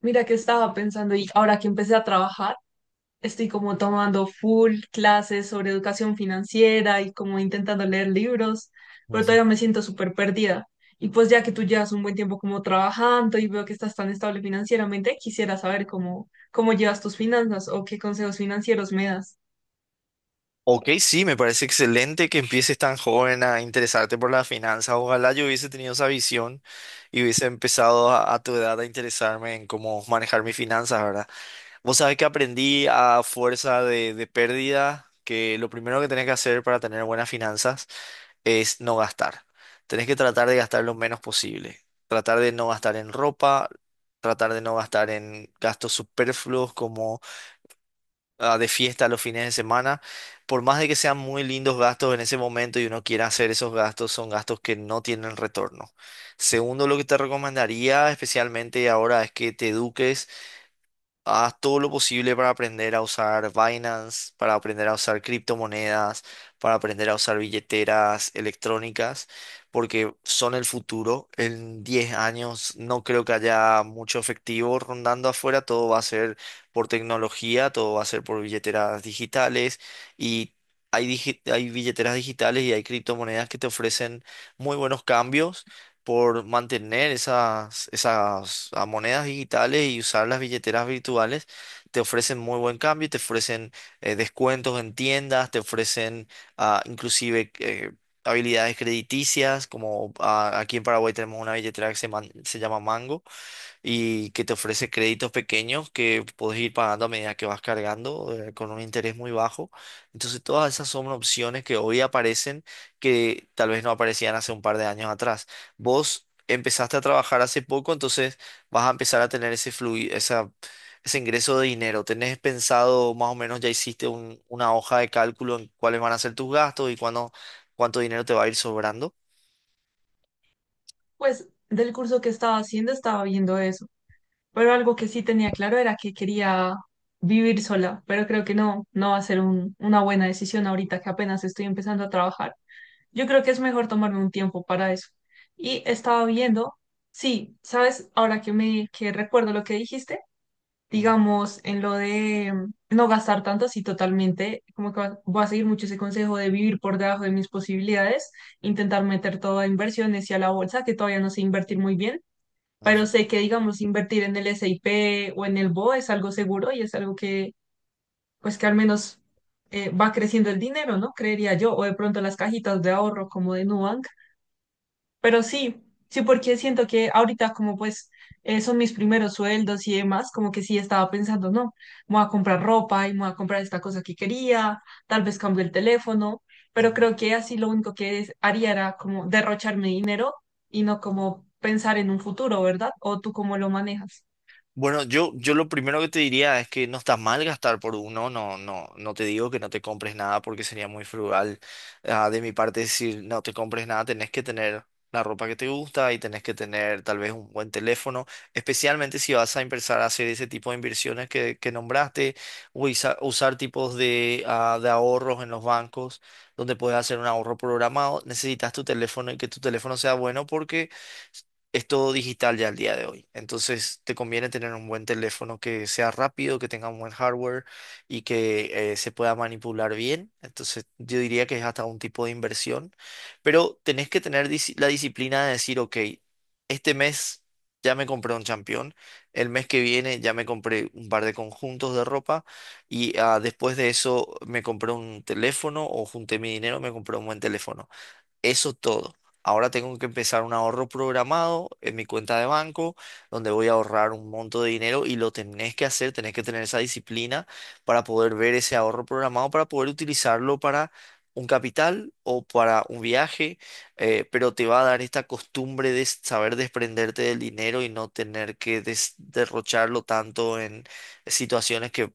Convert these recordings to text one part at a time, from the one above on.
Mira que estaba pensando y ahora que empecé a trabajar, estoy como tomando full clases sobre educación financiera y como intentando leer libros, No pero sé. todavía me siento súper perdida. Y pues ya que tú llevas un buen tiempo como trabajando y veo que estás tan estable financieramente, quisiera saber cómo llevas tus finanzas o qué consejos financieros me das. Ok, sí, me parece excelente que empieces tan joven a interesarte por las finanzas. Ojalá yo hubiese tenido esa visión y hubiese empezado a tu edad a interesarme en cómo manejar mis finanzas, ¿verdad? Vos sabés que aprendí a fuerza de pérdida que lo primero que tenés que hacer para tener buenas finanzas es no gastar. Tenés que tratar de gastar lo menos posible. Tratar de no gastar en ropa, tratar de no gastar en gastos superfluos como de fiesta los fines de semana, por más de que sean muy lindos gastos en ese momento y uno quiera hacer esos gastos, son gastos que no tienen retorno. Segundo, lo que te recomendaría especialmente ahora es que te eduques. Haz todo lo posible para aprender a usar Binance, para aprender a usar criptomonedas, para aprender a usar billeteras electrónicas, porque son el futuro. En 10 años no creo que haya mucho efectivo rondando afuera. Todo va a ser por tecnología, todo va a ser por billeteras digitales y hay billeteras digitales y hay criptomonedas que te ofrecen muy buenos cambios por mantener esas monedas digitales y usar las billeteras virtuales, te ofrecen muy buen cambio, te ofrecen descuentos en tiendas, te ofrecen inclusive habilidades crediticias, como aquí en Paraguay tenemos una billetera que se llama Mango y que te ofrece créditos pequeños que puedes ir pagando a medida que vas cargando con un interés muy bajo. Entonces, todas esas son opciones que hoy aparecen que tal vez no aparecían hace un par de años atrás. Vos empezaste a trabajar hace poco, entonces vas a empezar a tener ese ingreso de dinero. ¿Tenés pensado más o menos, ya hiciste una hoja de cálculo en cuáles van a ser tus gastos y cuándo, cuánto dinero te va a ir sobrando? Pues del curso que estaba haciendo estaba viendo eso. Pero algo que sí tenía claro era que quería vivir sola, pero creo que no, no va a ser una buena decisión ahorita que apenas estoy empezando a trabajar. Yo creo que es mejor tomarme un tiempo para eso. Y estaba viendo, sí, sabes, ahora que me que recuerdo lo que dijiste, Ujú, digamos en lo de no gastar tanto, sí, totalmente, como que voy a seguir mucho ese consejo de vivir por debajo de mis posibilidades, intentar meter todo a inversiones y a la bolsa, que todavía no sé invertir muy bien pero ujú, sé que, digamos, invertir en el SIP o en el BO es algo seguro y es algo que, pues, que al menos va creciendo el dinero, ¿no? Creería yo, o de pronto las cajitas de ahorro como de Nubank, pero sí, sí, porque siento que ahorita como pues son mis primeros sueldos y demás, como que sí estaba pensando, no, me voy a comprar ropa y me voy a comprar esta cosa que quería, tal vez cambio el teléfono, ujú. pero creo que así lo único que haría era como derrocharme dinero y no como pensar en un futuro, ¿verdad? ¿O tú cómo lo manejas? Bueno, yo lo primero que te diría es que no está mal gastar por uno, no, no, no te digo que no te compres nada porque sería muy frugal de mi parte decir no te compres nada, tenés que tener la ropa que te gusta y tenés que tener tal vez un buen teléfono, especialmente si vas a empezar a hacer ese tipo de inversiones que nombraste, o usar tipos de ahorros en los bancos donde puedes hacer un ahorro programado, necesitas tu teléfono y que tu teléfono sea bueno porque es todo digital ya al día de hoy. Entonces te conviene tener un buen teléfono que sea rápido, que tenga un buen hardware y que se pueda manipular bien. Entonces yo diría que es hasta un tipo de inversión, pero tenés que tener la disciplina de decir, ok, este mes ya me compré un champión, el mes que viene ya me compré un par de conjuntos de ropa y después de eso me compré un teléfono o junté mi dinero, me compré un buen teléfono. Eso todo. Ahora tengo que empezar un ahorro programado en mi cuenta de banco, donde voy a ahorrar un monto de dinero y lo tenés que hacer, tenés que tener esa disciplina para poder ver ese ahorro programado, para poder utilizarlo para un capital o para un viaje, pero te va a dar esta costumbre de saber desprenderte del dinero y no tener que derrocharlo tanto en situaciones que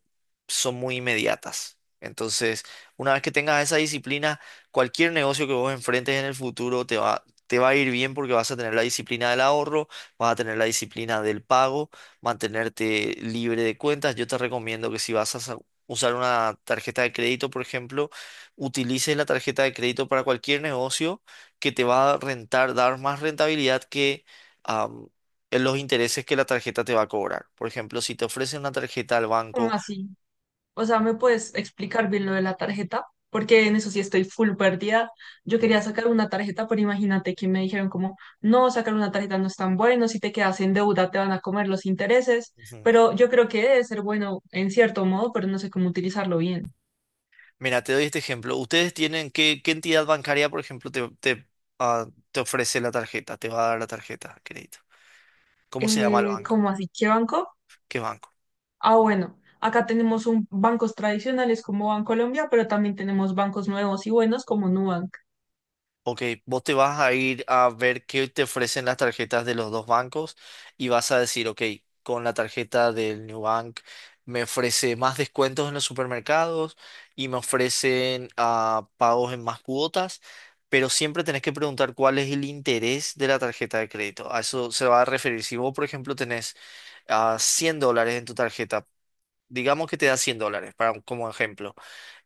son muy inmediatas. Entonces, una vez que tengas esa disciplina, cualquier negocio que vos enfrentes en el futuro te va a ir bien porque vas a tener la disciplina del ahorro, vas a tener la disciplina del pago, mantenerte libre de cuentas. Yo te recomiendo que si vas a usar una tarjeta de crédito, por ejemplo, utilices la tarjeta de crédito para cualquier negocio que te va a rentar, dar más rentabilidad que... am, en los intereses que la tarjeta te va a cobrar. Por ejemplo, si te ofrecen una tarjeta al ¿Cómo banco. así? O sea, ¿me puedes explicar bien lo de la tarjeta? Porque en eso sí estoy full perdida. Yo quería sacar una tarjeta, pero imagínate que me dijeron como, no, sacar una tarjeta no es tan bueno, si te quedas en deuda te van a comer los intereses, Ujú. pero yo creo que debe ser bueno en cierto modo, pero no sé cómo utilizarlo bien. Mira, te doy este ejemplo. ¿Ustedes tienen qué, qué entidad bancaria, por ejemplo, ah, te ofrece la tarjeta, te va a dar la tarjeta de crédito? ¿Cómo se llama el banco? ¿Cómo así? ¿Qué banco? ¿Qué banco? Ah, bueno, acá tenemos un, bancos tradicionales como Bancolombia, pero también tenemos bancos nuevos y buenos como Nubank. Ok, vos te vas a ir a ver qué te ofrecen las tarjetas de los dos bancos y vas a decir, ok, con la tarjeta del New Bank me ofrece más descuentos en los supermercados y me ofrecen pagos en más cuotas, pero siempre tenés que preguntar cuál es el interés de la tarjeta de crédito. A eso se va a referir. Si vos, por ejemplo, tenés a 100 dólares en tu tarjeta. Digamos que te da 100 dólares, para, como ejemplo.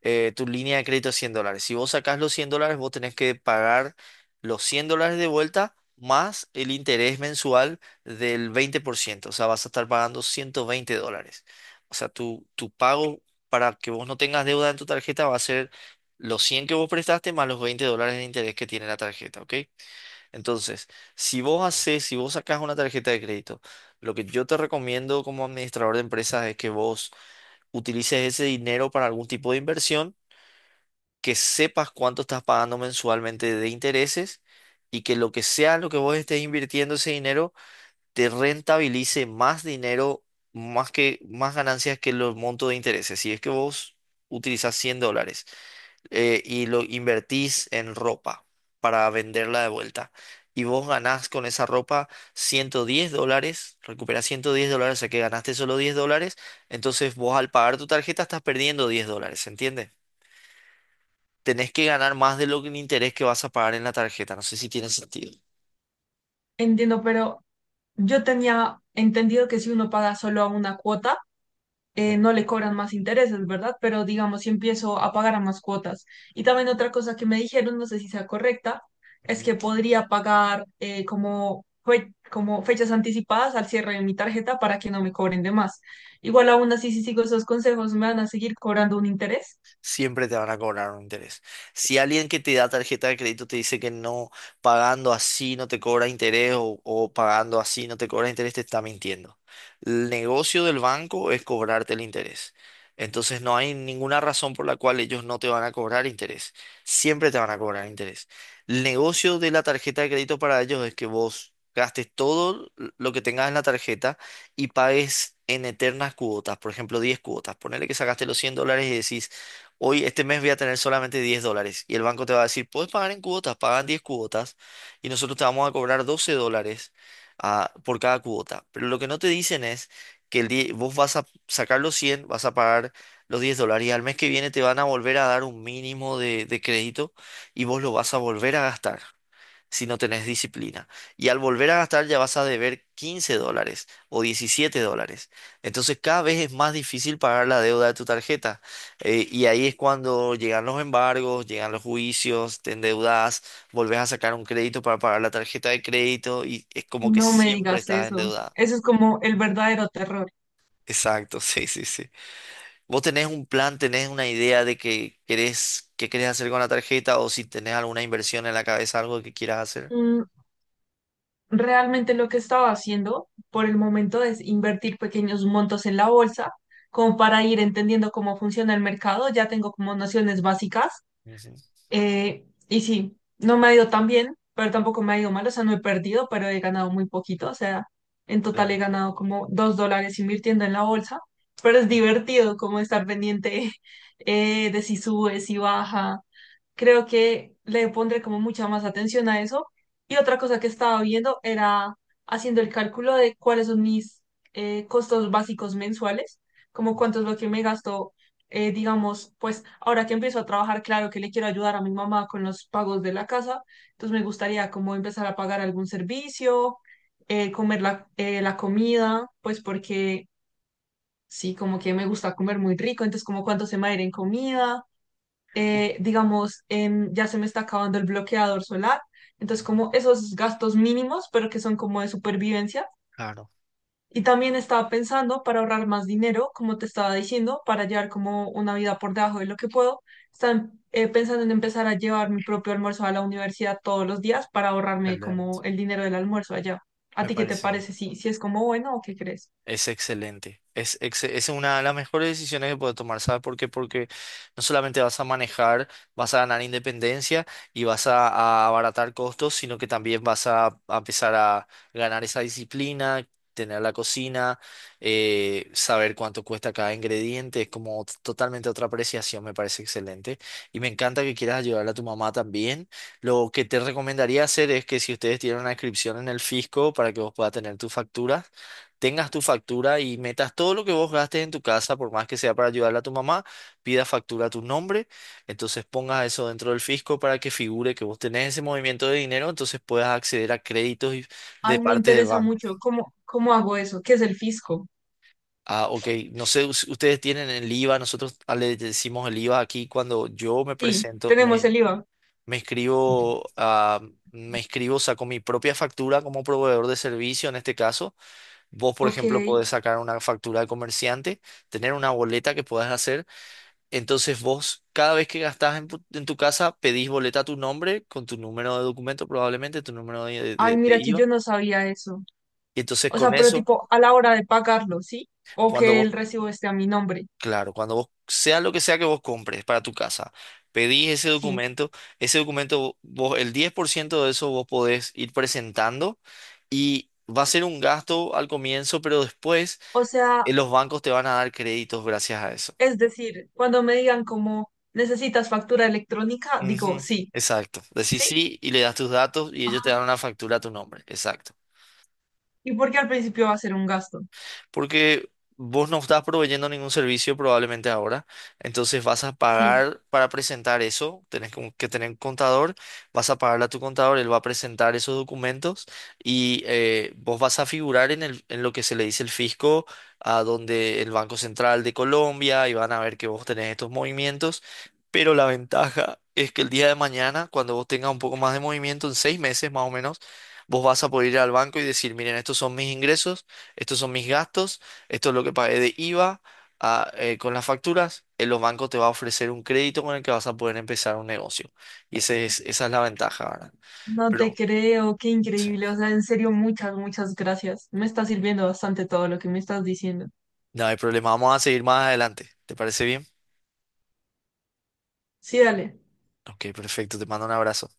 Tu línea de crédito es 100 dólares. Si vos sacás los 100 dólares, vos tenés que pagar los 100 dólares de vuelta más el interés mensual del 20%. O sea, vas a estar pagando 120 dólares. O sea, tu pago para que vos no tengas deuda en tu tarjeta va a ser los 100 que vos prestaste más los 20 dólares de interés que tiene la tarjeta, ¿ok? Entonces, si vos haces, si vos sacás una tarjeta de crédito, lo que yo te recomiendo como administrador de empresas es que vos utilices ese dinero para algún tipo de inversión, que sepas cuánto estás pagando mensualmente de intereses y que lo que sea lo que vos estés invirtiendo ese dinero te rentabilice más dinero, más que más ganancias que los montos de intereses. Si es que vos utilizás 100 dólares y lo invertís en ropa para venderla de vuelta. Y vos ganás con esa ropa 110 dólares, recuperás 110 dólares, o sea que ganaste solo 10 dólares, entonces vos al pagar tu tarjeta estás perdiendo 10 dólares, ¿entiendes? Tenés que ganar más de lo que el interés que vas a pagar en la tarjeta, no sé si tiene sentido. Entiendo, pero yo tenía entendido que si uno paga solo a una cuota, Ujú. No le cobran más intereses, ¿verdad? Pero digamos, si empiezo a pagar a más cuotas. Y también otra cosa que me dijeron, no sé si sea correcta, es que podría pagar como, como fechas anticipadas al cierre de mi tarjeta para que no me cobren de más. Igual aún así, si sigo esos consejos, ¿me van a seguir cobrando un interés? Siempre te van a cobrar un interés. Si alguien que te da tarjeta de crédito te dice que no, pagando así no te cobra interés o pagando así no te cobra interés, te está mintiendo. El negocio del banco es cobrarte el interés. Entonces no hay ninguna razón por la cual ellos no te van a cobrar interés. Siempre te van a cobrar interés. El negocio de la tarjeta de crédito para ellos es que vos gastes todo lo que tengas en la tarjeta y pagues en eternas cuotas, por ejemplo, 10 cuotas. Ponele que sacaste los 100 dólares y decís, hoy este mes voy a tener solamente 10 dólares. Y el banco te va a decir, puedes pagar en cuotas, pagan 10 cuotas y nosotros te vamos a cobrar 12 dólares por cada cuota. Pero lo que no te dicen es que vos vas a sacar los 100, vas a pagar los 10 dólares y al mes que viene te van a volver a dar un mínimo de crédito y vos lo vas a volver a gastar si no tenés disciplina. Y al volver a gastar ya vas a deber 15 dólares o 17 dólares. Entonces cada vez es más difícil pagar la deuda de tu tarjeta. Y ahí es cuando llegan los embargos, llegan los juicios, te endeudas, volvés a sacar un crédito para pagar la tarjeta de crédito y es como que No me siempre digas estás eso. endeudado. Eso es como el verdadero terror. Exacto, sí, sí, sí. ¿Vos tenés un plan, tenés una idea de qué querés hacer con la tarjeta o si tenés alguna inversión en la cabeza, algo que quieras hacer? Mm, realmente lo que estaba haciendo por el momento es invertir pequeños montos en la bolsa, como para ir entendiendo cómo funciona el mercado. Ya tengo como nociones básicas Ujú. Y sí, no me ha ido tan bien, pero tampoco me ha ido mal, o sea, no he perdido, pero he ganado muy poquito, o sea, en total he Claro. ganado como $2 invirtiendo en la bolsa, pero es divertido como estar pendiente de si sube, si baja. Creo que le pondré como mucha más atención a eso. Y otra cosa que estaba viendo era haciendo el cálculo de cuáles son mis costos básicos mensuales, como cuánto es lo que me gasto digamos, pues ahora que empiezo a trabajar, claro que le quiero ayudar a mi mamá con los pagos de la casa, entonces me gustaría como empezar a pagar algún servicio, comer la, la comida, pues porque sí, como que me gusta comer muy rico, entonces como cuánto se me va a ir en comida, Uh. Digamos, ya se me está acabando el bloqueador solar, entonces como esos gastos mínimos, pero que son como de supervivencia Claro, y también estaba pensando para ahorrar más dinero, como te estaba diciendo, para llevar como una vida por debajo de lo que puedo. Están pensando en empezar a llevar mi propio almuerzo a la universidad todos los días para ahorrarme como excelente. el dinero del almuerzo allá. ¿A Me ti qué te parece. parece? ¿Si, si es como bueno o qué crees? Es excelente. Es, es una de las mejores decisiones que puedes tomar, ¿sabes por qué? Porque no solamente vas a manejar, vas a ganar independencia y vas a abaratar costos, sino que también vas a empezar a ganar esa disciplina, tener la cocina, saber cuánto cuesta cada ingrediente. Es como totalmente otra apreciación, me parece excelente. Y me encanta que quieras ayudar a tu mamá también. Lo que te recomendaría hacer es que si ustedes tienen una inscripción en el fisco para que vos puedas tener tu factura tengas tu factura y metas todo lo que vos gastes en tu casa, por más que sea para ayudarle a tu mamá, pidas factura a tu nombre, entonces pongas eso dentro del fisco para que figure que vos tenés ese movimiento de dinero, entonces puedas acceder a créditos y de Ay, me parte del interesa banco. mucho. ¿Cómo hago eso? ¿Qué es el fisco? Ah, ok, no sé, ustedes tienen el IVA, nosotros le decimos el IVA aquí cuando yo me Sí, presento, tenemos el IVA. me escribo, ah, me escribo, saco mi propia factura como proveedor de servicio en este caso. Vos, por Ok. ejemplo, podés sacar una factura de comerciante, tener una boleta que puedas hacer. Entonces vos, cada vez que gastás en tu casa, pedís boleta a tu nombre, con tu número de documento probablemente, tu número de, de, Ay, de- de mira que IVA. yo no sabía eso. Y entonces O con sea, pero eso, tipo a la hora de pagarlo, ¿sí? O cuando que vos, el recibo esté a mi nombre. claro, cuando vos, sea lo que sea que vos compres para tu casa, pedís Sí. Ese documento, vos, el 10% de eso vos podés ir presentando y va a ser un gasto al comienzo, pero después O sea, los bancos te van a dar créditos gracias a eso. es decir, cuando me digan como, ¿necesitas factura electrónica? Digo, Ujú. sí, Exacto. Decís ¿sí? sí y le das tus datos y ellos te Ah, dan una factura a tu nombre. Exacto. ¿y porque al principio va a ser un gasto? Porque vos no estás proveyendo ningún servicio probablemente ahora, entonces vas a Sí. pagar para presentar eso, tenés como que tener un contador, vas a pagarle a tu contador, él va a presentar esos documentos y vos vas a figurar en lo que se le dice el fisco, a donde el Banco Central de Colombia y van a ver que vos tenés estos movimientos, pero la ventaja es que el día de mañana, cuando vos tengas un poco más de movimiento, en 6 meses más o menos, vos vas a poder ir al banco y decir, miren, estos son mis ingresos, estos son mis gastos, esto es lo que pagué de IVA con las facturas. En los bancos te va a ofrecer un crédito con el que vas a poder empezar un negocio. Y esa es la ventaja, ¿verdad? No te Pero creo, qué sí, increíble. O sea, en serio, muchas, muchas gracias. Me está sirviendo bastante todo lo que me estás diciendo. no hay problema, vamos a seguir más adelante. ¿Te parece bien? Sí, dale. Ok, perfecto, te mando un abrazo.